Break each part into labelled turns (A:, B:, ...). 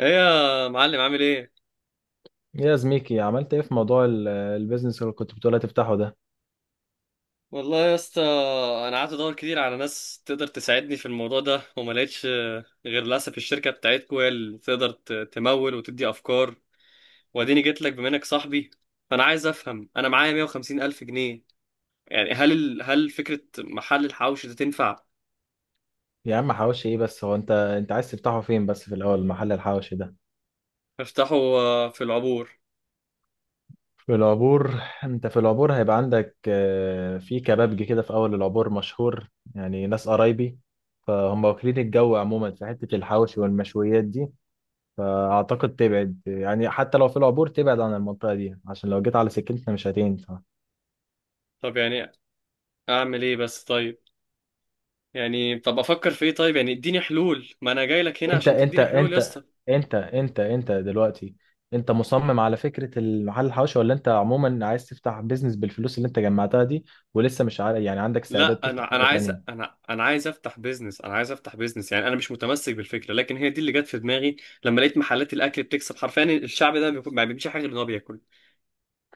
A: ايه يا معلم؟ عامل ايه؟
B: إيه يا زميكي، عملت ايه في موضوع البيزنس اللي كنت بتقول تفتحه ده؟
A: والله يا اسطى، انا قعدت ادور كتير على ناس تقدر تساعدني في الموضوع ده وما لقيتش، غير للاسف الشركه بتاعتكم هي اللي تقدر تمول وتدي افكار. واديني جيت لك بما انك صاحبي، فانا عايز افهم، انا معايا 150 الف جنيه. يعني هل هل فكره محل الحوش ده تنفع؟
B: يا عم حواوشي ايه بس، هو انت عايز تفتحه فين بس في الاول محل الحواوشي ده؟
A: افتحه في العبور.
B: في العبور؟ انت في العبور هيبقى عندك في كبابجي كده في اول العبور مشهور، يعني ناس قرايبي، فهم واكلين الجو عموما في حتة الحواوشي والمشويات دي. فاعتقد تبعد، يعني حتى لو في العبور تبعد عن المنطقة دي، عشان لو جيت على سكتنا مش هتنفع.
A: طب يعني اعمل ايه بس؟ طيب يعني طب افكر في ايه؟ طيب يعني اديني حلول، ما انا جاي لك هنا
B: انت
A: عشان
B: انت
A: تديني حلول يا
B: انت
A: اسطى.
B: انت دلوقتي انت مصمم على فكرة المحل الحواشي، ولا انت عموما عايز تفتح بيزنس بالفلوس اللي انت جمعتها دي، ولسه مش عارف؟ يعني عندك استعداد
A: لا
B: تفتح
A: انا انا
B: حاجة
A: عايز
B: تانية؟
A: انا انا عايز افتح بيزنس، انا عايز افتح بيزنس. يعني انا مش متمسك بالفكره، لكن هي دي اللي جت في دماغي لما لقيت محلات الاكل بتكسب. حرفيا الشعب ده ما بيعملش حاجه غير ان هو بياكل.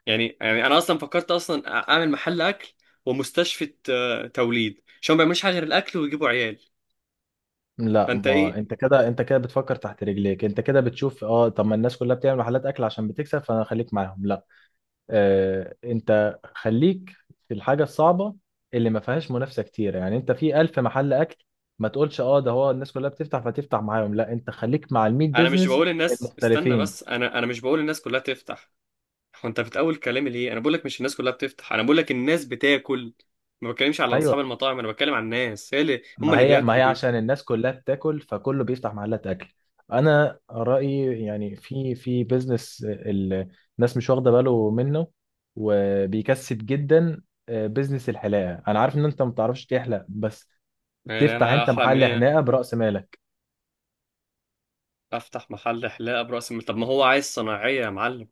A: يعني انا اصلا فكرت اصلا اعمل محل اكل ومستشفى توليد، عشان ما بيعملوش حاجه غير الاكل ويجيبوا عيال.
B: لا،
A: فانت
B: ما
A: ايه؟
B: انت كده انت كده بتفكر تحت رجليك، انت كده بتشوف، اه طب ما الناس كلها بتعمل محلات اكل عشان بتكسب، فانا خليك معاهم. لا، انت خليك في الحاجه الصعبه اللي ما فيهاش منافسه كتير. يعني انت في ألف محل اكل، ما تقولش اه ده هو الناس كلها بتفتح فتفتح معاهم. لا انت خليك مع الميت
A: انا مش
B: بيزنس
A: بقول الناس استنى،
B: المختلفين.
A: بس انا مش بقول الناس كلها تفتح. هو انت بتقول كلامي ليه؟ انا بقول لك مش الناس كلها بتفتح، انا بقول لك الناس بتاكل. ما بتكلمش على
B: ايوه،
A: اصحاب المطاعم، انا بتكلم على الناس هي اللي هم
B: ما
A: اللي
B: هي ما هي
A: بياكلوا.
B: عشان الناس كلها بتاكل فكله بيفتح محلات اكل. انا رايي يعني في بيزنس الناس مش واخده باله منه وبيكسب جدا، بيزنس الحلاقه. انا عارف ان انت ما بتعرفش تحلق، بس
A: يعني
B: تفتح
A: انا
B: انت
A: احلق
B: محل
A: منين؟
B: حلاقه براس مالك.
A: افتح محل حلاقه براس المال؟ طب ما هو عايز صناعيه يا معلم.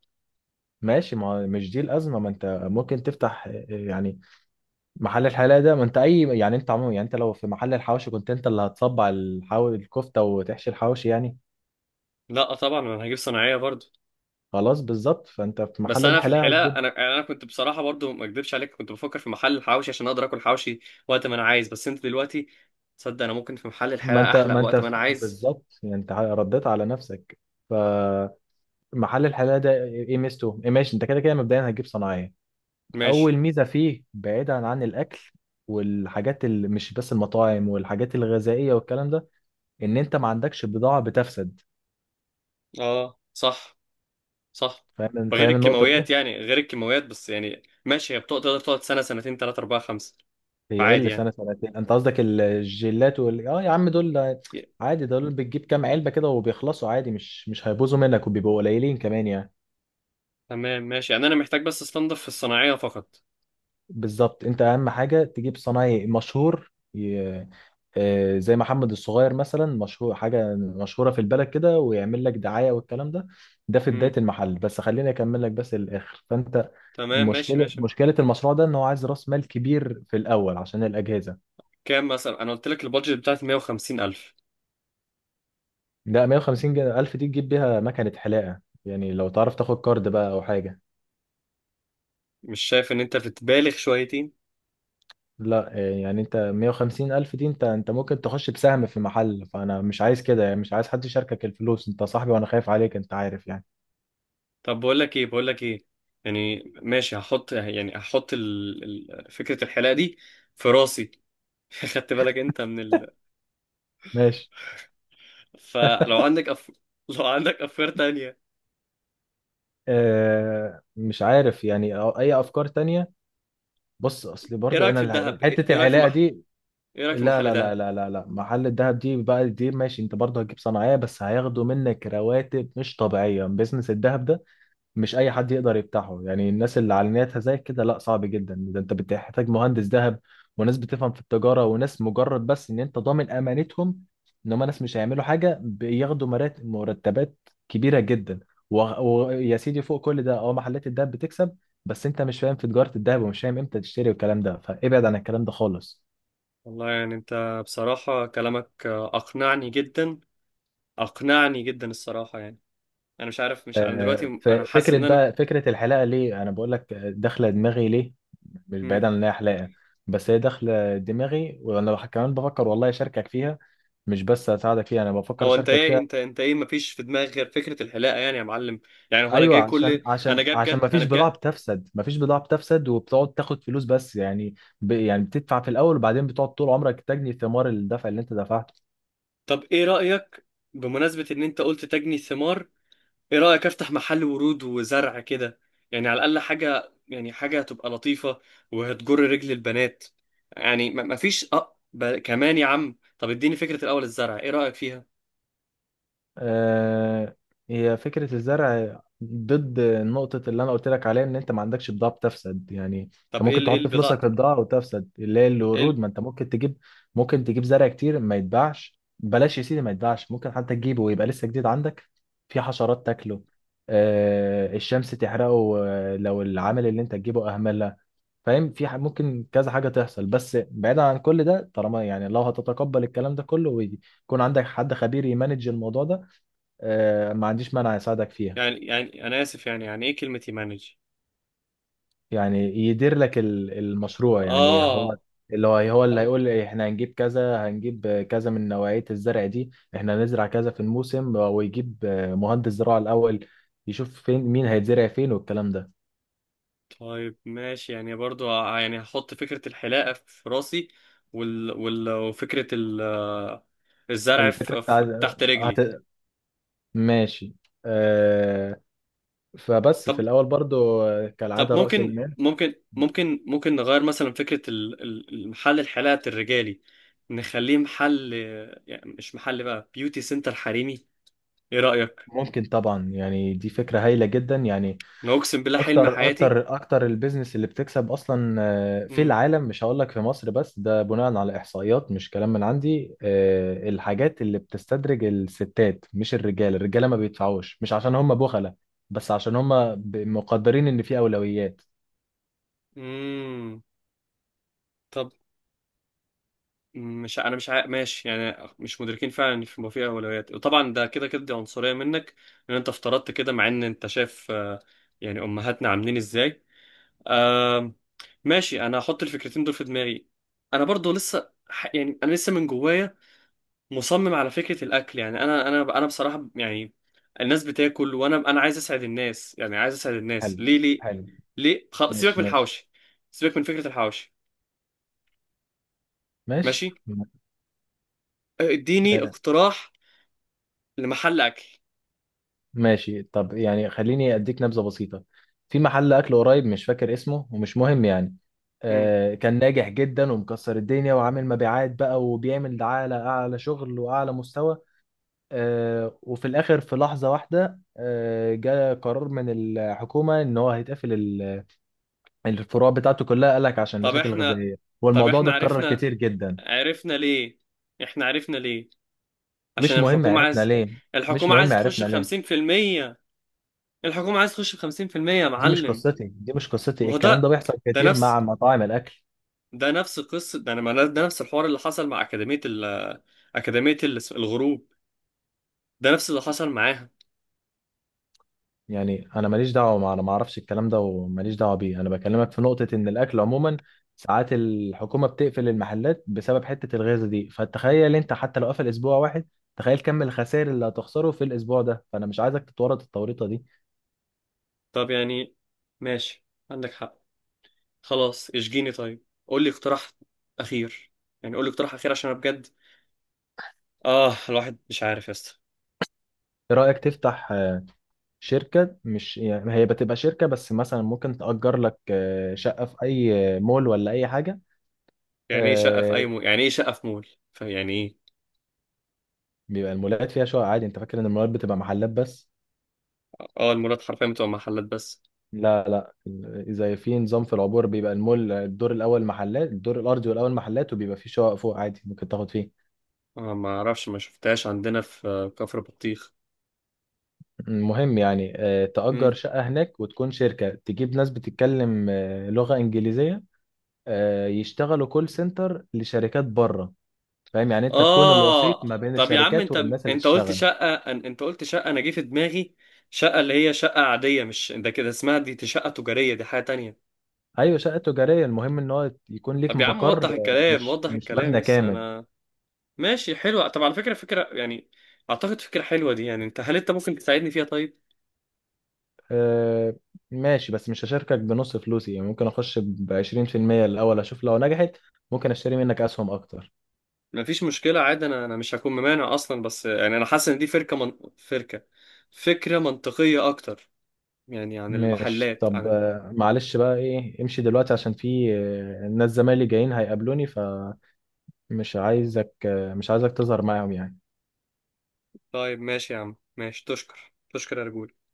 B: ماشي، ما مش دي الأزمة. ما أنت ممكن تفتح يعني محل الحلاقة ده. ما أنت أي يعني أنت عموما يعني أنت لو في محل الحواوشي كنت أنت اللي هتصبع الكفتة وتحشي الحواوشي يعني.
A: لا طبعا انا هجيب صناعيه برضو.
B: خلاص، بالظبط، فأنت في
A: بس
B: محل
A: انا في
B: الحلاقة
A: الحلاقه،
B: هتجيب.
A: انا يعني انا كنت بصراحه برضو ما اكدبش عليك كنت بفكر في محل الحواوشي عشان اقدر اكل حواوشي وقت ما انا عايز. بس انت دلوقتي تصدق انا ممكن في محل
B: ما
A: الحلاقه
B: أنت
A: احلق
B: ما أنت
A: وقت ما انا
B: في-
A: عايز.
B: بالظبط، يعني أنت رديت على نفسك. فمحل الحلاقة ده إيه إيه ميزته؟ إيه، ماشي، أنت كده كده مبدئيا هتجيب صناعية.
A: ماشي.
B: أول ميزة فيه بعيدا عن الأكل والحاجات اللي مش بس المطاعم والحاجات الغذائية والكلام ده، إن أنت ما عندكش بضاعة بتفسد.
A: اه صح. صح.
B: فاهم
A: بغير
B: فاهم النقطة دي؟
A: الكيماويات، يعني غير الكيماويات بس يعني، ماشي، هي بتقعد تقدر تقعد سنه سنتين ثلاثه اربعه خمسه.
B: هي ايه
A: فعادي
B: اللي
A: يعني.
B: سنة سنتين؟ انت قصدك الجيلات وال اه؟ يا عم دول
A: ي-
B: عادي، دول بتجيب كام علبة كده وبيخلصوا عادي، مش هيبوظوا منك، وبيبقوا قليلين كمان يعني.
A: تمام ماشي. يعني انا محتاج بس استنضف في الصناعيه فقط.
B: بالظبط، انت اهم حاجة تجيب صنايعي مشهور، زي محمد الصغير مثلا، مشهور حاجة مشهورة في البلد كده، ويعمل لك دعاية والكلام ده. ده في بداية المحل بس، خليني اكمل لك بس الاخر. فانت
A: تمام. ماشي
B: مشكلة
A: ماشي
B: مشكلة المشروع ده ان هو عايز راس مال كبير في الاول عشان الاجهزة.
A: كام مثلا؟ انا قلت لك البادجت بتاعتي 150 الف.
B: لا، 150 جنيه 1000 دي تجيب بيها مكنة حلاقة، يعني لو تعرف تاخد كارد بقى أو حاجة.
A: مش شايف ان انت بتبالغ شويتين؟
B: لا، يعني أنت 150 ألف دي أنت ممكن تخش بسهم في محل، فأنا مش عايز كده. يعني مش عايز حد يشاركك الفلوس، أنت صاحبي وأنا خايف عليك أنت عارف يعني.
A: طب بقول لك ايه؟ يعني ماشي، هحط فكرة الحلاقة دي في راسي. خدت بالك انت من
B: ماشي،
A: فلو عندك لو عندك افكار تانية.
B: آه مش عارف يعني، أو أي أفكار تانية. بص، أصلي
A: ايه
B: برضو
A: رأيك
B: أنا
A: في الذهب؟ ايه،
B: حتة
A: إيه رأيك في
B: الحلاقة دي.
A: ايه رأيك في
B: لا
A: محل
B: لا لا
A: ذهب؟
B: لا لا لا محل الدهب دي بقى دي ماشي، أنت برضو هتجيب صناعية، بس هياخدوا منك رواتب مش طبيعية. بيزنس الدهب مش اي حد يقدر يفتحه، يعني الناس اللي على نيتها زي كده لا، صعب جدا. ده انت بتحتاج مهندس ذهب، وناس بتفهم في التجاره، وناس مجرد بس ان انت ضامن امانتهم، ان هم ناس مش هيعملوا حاجه. بياخدوا مرتبات كبيره جدا، و- ويا سيدي فوق كل ده اه، محلات الذهب بتكسب، بس انت مش فاهم في تجاره الذهب، ومش فاهم امتى تشتري والكلام ده، فابعد عن الكلام ده خالص.
A: والله يعني انت بصراحة كلامك اقنعني جدا الصراحة يعني. انا مش عارف، مش انا دلوقتي انا حاسس
B: فكرة
A: ان انا.
B: بقى، فكرة الحلاقة ليه أنا بقول لك داخلة دماغي؟ ليه؟ مش بعيدا عن إن هي حلاقة، بس هي داخلة دماغي، وأنا كمان بفكر والله أشاركك فيها، مش بس أساعدك فيها، أنا بفكر
A: هو انت
B: أشاركك
A: ايه؟
B: فيها.
A: انت ايه، مفيش في دماغك غير فكره الحلاقه يعني يا معلم؟ يعني هو انا
B: أيوه،
A: جاي
B: عشان
A: كل. انا
B: عشان
A: جاي
B: عشان
A: بجد، انا
B: مفيش
A: بجد.
B: بضاعة بتفسد، مفيش بضاعة بتفسد، وبتقعد تاخد فلوس بس يعني. يعني بتدفع في الأول، وبعدين بتقعد طول عمرك تجني ثمار الدفع اللي أنت دفعته.
A: طب ايه رايك، بمناسبه ان انت قلت تجني ثمار، ايه رايك افتح محل ورود وزرع كده؟ يعني على الاقل حاجه، يعني حاجه هتبقى لطيفه وهتجر رجل البنات. يعني مفيش اه كمان يا عم، طب اديني فكره الاول الزرع، ايه رايك فيها؟
B: آه، هي فكرة الزرع ضد نقطة اللي أنا قلت لك عليها إن أنت ما عندكش بضاعة بتفسد. يعني أنت
A: طب ايه
B: ممكن
A: ايه
B: تحط
A: البضاعه؟
B: فلوسك في بضاعة وتفسد، اللي هي
A: ايه
B: الورود. ما أنت ممكن تجيب، ممكن تجيب زرع كتير ما يتباعش، بلاش يا سيدي ما يتباعش، ممكن حتى تجيبه ويبقى لسه جديد عندك، في حشرات تاكله، الشمس تحرقه، لو العامل اللي أنت تجيبه أهملها. فاهم؟ ممكن كذا حاجة تحصل، بس بعيدا عن كل ده، طالما يعني لو هتتقبل الكلام ده كله، ويكون عندك حد خبير يمانج الموضوع ده، ما عنديش مانع يساعدك فيها.
A: يعني انا اسف، يعني ايه كلمه يمانج؟
B: يعني يدير لك المشروع يعني، هو
A: اه.
B: اللي هو هو اللي
A: اه.
B: هيقول لي احنا هنجيب كذا، هنجيب كذا من نوعية الزرع دي، احنا هنزرع كذا في الموسم، ويجيب مهندس زراعة الأول، يشوف فين، مين هيتزرع فين والكلام ده.
A: طيب ماشي يعني برضو، يعني هحط فكرة الحلاقة في راسي وفكرة ال... آه، الزرع
B: الفكرة بتاع
A: تحت رجلي.
B: هت... ماشي. آه، فبس في
A: طب
B: الأول برضو
A: طب
B: كالعادة رأس
A: ممكن
B: المال.
A: ممكن ممكن ممكن نغير مثلا فكرة المحل الحلاقة الرجالي، نخليه محل، يعني مش محل بقى، بيوتي سنتر حريمي. ايه رأيك؟
B: ممكن طبعا، يعني دي فكرة هايلة جدا يعني.
A: انا اقسم بالله حلم
B: اكتر
A: حياتي.
B: اكتر اكتر البيزنس اللي بتكسب اصلا في
A: امم
B: العالم، مش هقول لك في مصر بس، ده بناء على احصائيات مش كلام من عندي، الحاجات اللي بتستدرج الستات مش الرجال. الرجاله ما بيدفعوش، مش عشان هم بخلة، بس عشان هم مقدرين ان في اولويات.
A: امم طب مش انا مش ماشي يعني، مش مدركين فعلا ان في في اولويات. وطبعا ده كده كده دي عنصريه منك ان انت افترضت كده، مع ان انت شايف يعني امهاتنا عاملين ازاي. آم، ماشي انا هحط الفكرتين دول في دماغي. انا برضو لسه يعني انا لسه من جوايا مصمم على فكره الاكل. يعني انا بصراحه يعني الناس بتاكل، وانا عايز اسعد الناس، يعني عايز اسعد الناس.
B: حلو،
A: ليه؟ ليه؟
B: حلو.
A: ليه؟ سيبك
B: ماشي،
A: من
B: ماشي،
A: الحوشي، سيبك من فكره الحوشي.
B: ماشي.
A: ماشي. اديني
B: آه،
A: اقتراح لمحل اكل.
B: ماشي، طب يعني خليني اديك نبذه بسيطه. في محل اكل قريب، مش فاكر اسمه ومش مهم يعني،
A: مم.
B: آه كان ناجح جدا ومكسر الدنيا وعامل مبيعات بقى، وبيعمل دعايه لاعلى شغل واعلى مستوى، آه وفي الاخر في لحظه واحده آه جاء قرار من الحكومه ان هو هيتقفل الفروع بتاعته كلها، قال لك عشان
A: طب
B: مشاكل
A: احنا،
B: غذائيه،
A: طب
B: والموضوع
A: احنا
B: ده اتكرر
A: عرفنا،
B: كتير جدا.
A: عرفنا ليه احنا عرفنا ليه. عشان
B: مش مهم
A: الحكومة
B: عرفنا
A: عايز،
B: ليه، مش
A: الحكومة
B: مهم
A: عايز تخش
B: عرفنا ليه.
A: بخمسين في المية. الحكومة عايز تخش بخمسين في المية يا
B: دي مش
A: معلم.
B: قصتي، دي مش قصتي.
A: ما هو
B: الكلام ده
A: ده،
B: بيحصل
A: ده
B: كتير
A: نفس،
B: مع مطاعم الاكل،
A: ده نفس قصة، ده ده نفس الحوار اللي حصل مع أكاديمية ال، أكاديمية الغروب، ده نفس اللي حصل معاها.
B: يعني انا ماليش دعوه مع، انا ما اعرفش الكلام ده وماليش دعوه بيه. انا بكلمك في نقطه ان الاكل عموما ساعات الحكومه بتقفل المحلات بسبب حته الغازه دي. فتخيل انت، حتى لو قفل اسبوع واحد، تخيل كم الخسائر اللي هتخسره في الاسبوع ده، فانا مش عايزك تتورط التوريطه دي.
A: طب يعني ماشي، عندك حق. خلاص اشجيني طيب، قول لي اقتراح أخير. يعني قول لي اقتراح أخير عشان أنا بجد، الواحد مش عارف يا اسطى.
B: ايه رايك تفتح شركه؟ مش يعني هي بتبقى شركه بس، مثلا ممكن تأجر لك شقه في اي مول ولا اي حاجه.
A: يعني ايه شقة في
B: آه،
A: اي مول؟ يعني ايه شقة في مول؟ فيعني ايه؟
B: بيبقى المولات فيها شقق عادي، انت فاكر ان المولات بتبقى محلات بس؟
A: اه المولات حرفيا بتبقى محلات بس؟
B: لا لا، زي في نظام في العبور بيبقى المول الدور الاول محلات، الدور الارضي والاول محلات، وبيبقى في شقق فوق عادي ممكن تاخد فيه.
A: ما اعرفش ما شفتهاش عندنا في كفر بطيخ.
B: المهم يعني تأجر
A: مم.
B: شقة هناك، وتكون شركة تجيب ناس بتتكلم لغة إنجليزية، يشتغلوا كول سنتر لشركات بره. فاهم؟ يعني انت تكون الوسيط
A: اه
B: ما بين
A: طب يا عم
B: الشركات
A: انت،
B: والناس اللي تشتغل.
A: انت قلت شقة، انا جه في دماغي شقة اللي هي شقة عادية، مش ده كده اسمها. دي دي شقة تجارية، دي حاجة تانية.
B: ايوه شقة تجارية، المهم ان هو يكون ليك
A: طب يا عم
B: مقر،
A: وضح الكلام،
B: مش
A: وضح
B: مش
A: الكلام
B: مبنى
A: بس
B: كامل.
A: انا. ماشي، حلوة. طب على فكرة فكرة يعني، اعتقد فكرة حلوة دي. يعني انت هل انت ممكن تساعدني فيها طيب؟
B: آه، ماشي، بس مش هشاركك بنص فلوسي يعني، ممكن اخش بعشرين% الاول، اشوف لو نجحت ممكن اشتري منك اسهم اكتر.
A: مفيش مشكلة عادي، أنا مش هكون ممانع أصلا. بس يعني أنا حاسس إن دي فركة، فكرة منطقية أكتر، يعني عن
B: ماشي.
A: المحلات
B: طب
A: عن
B: معلش بقى، ايه امشي دلوقتي عشان في ناس زمايلي جايين هيقابلوني، فمش عايزك مش عايزك تظهر معاهم يعني.
A: طيب ماشي يا عم، ماشي. تشكر تشكر يا رجولة.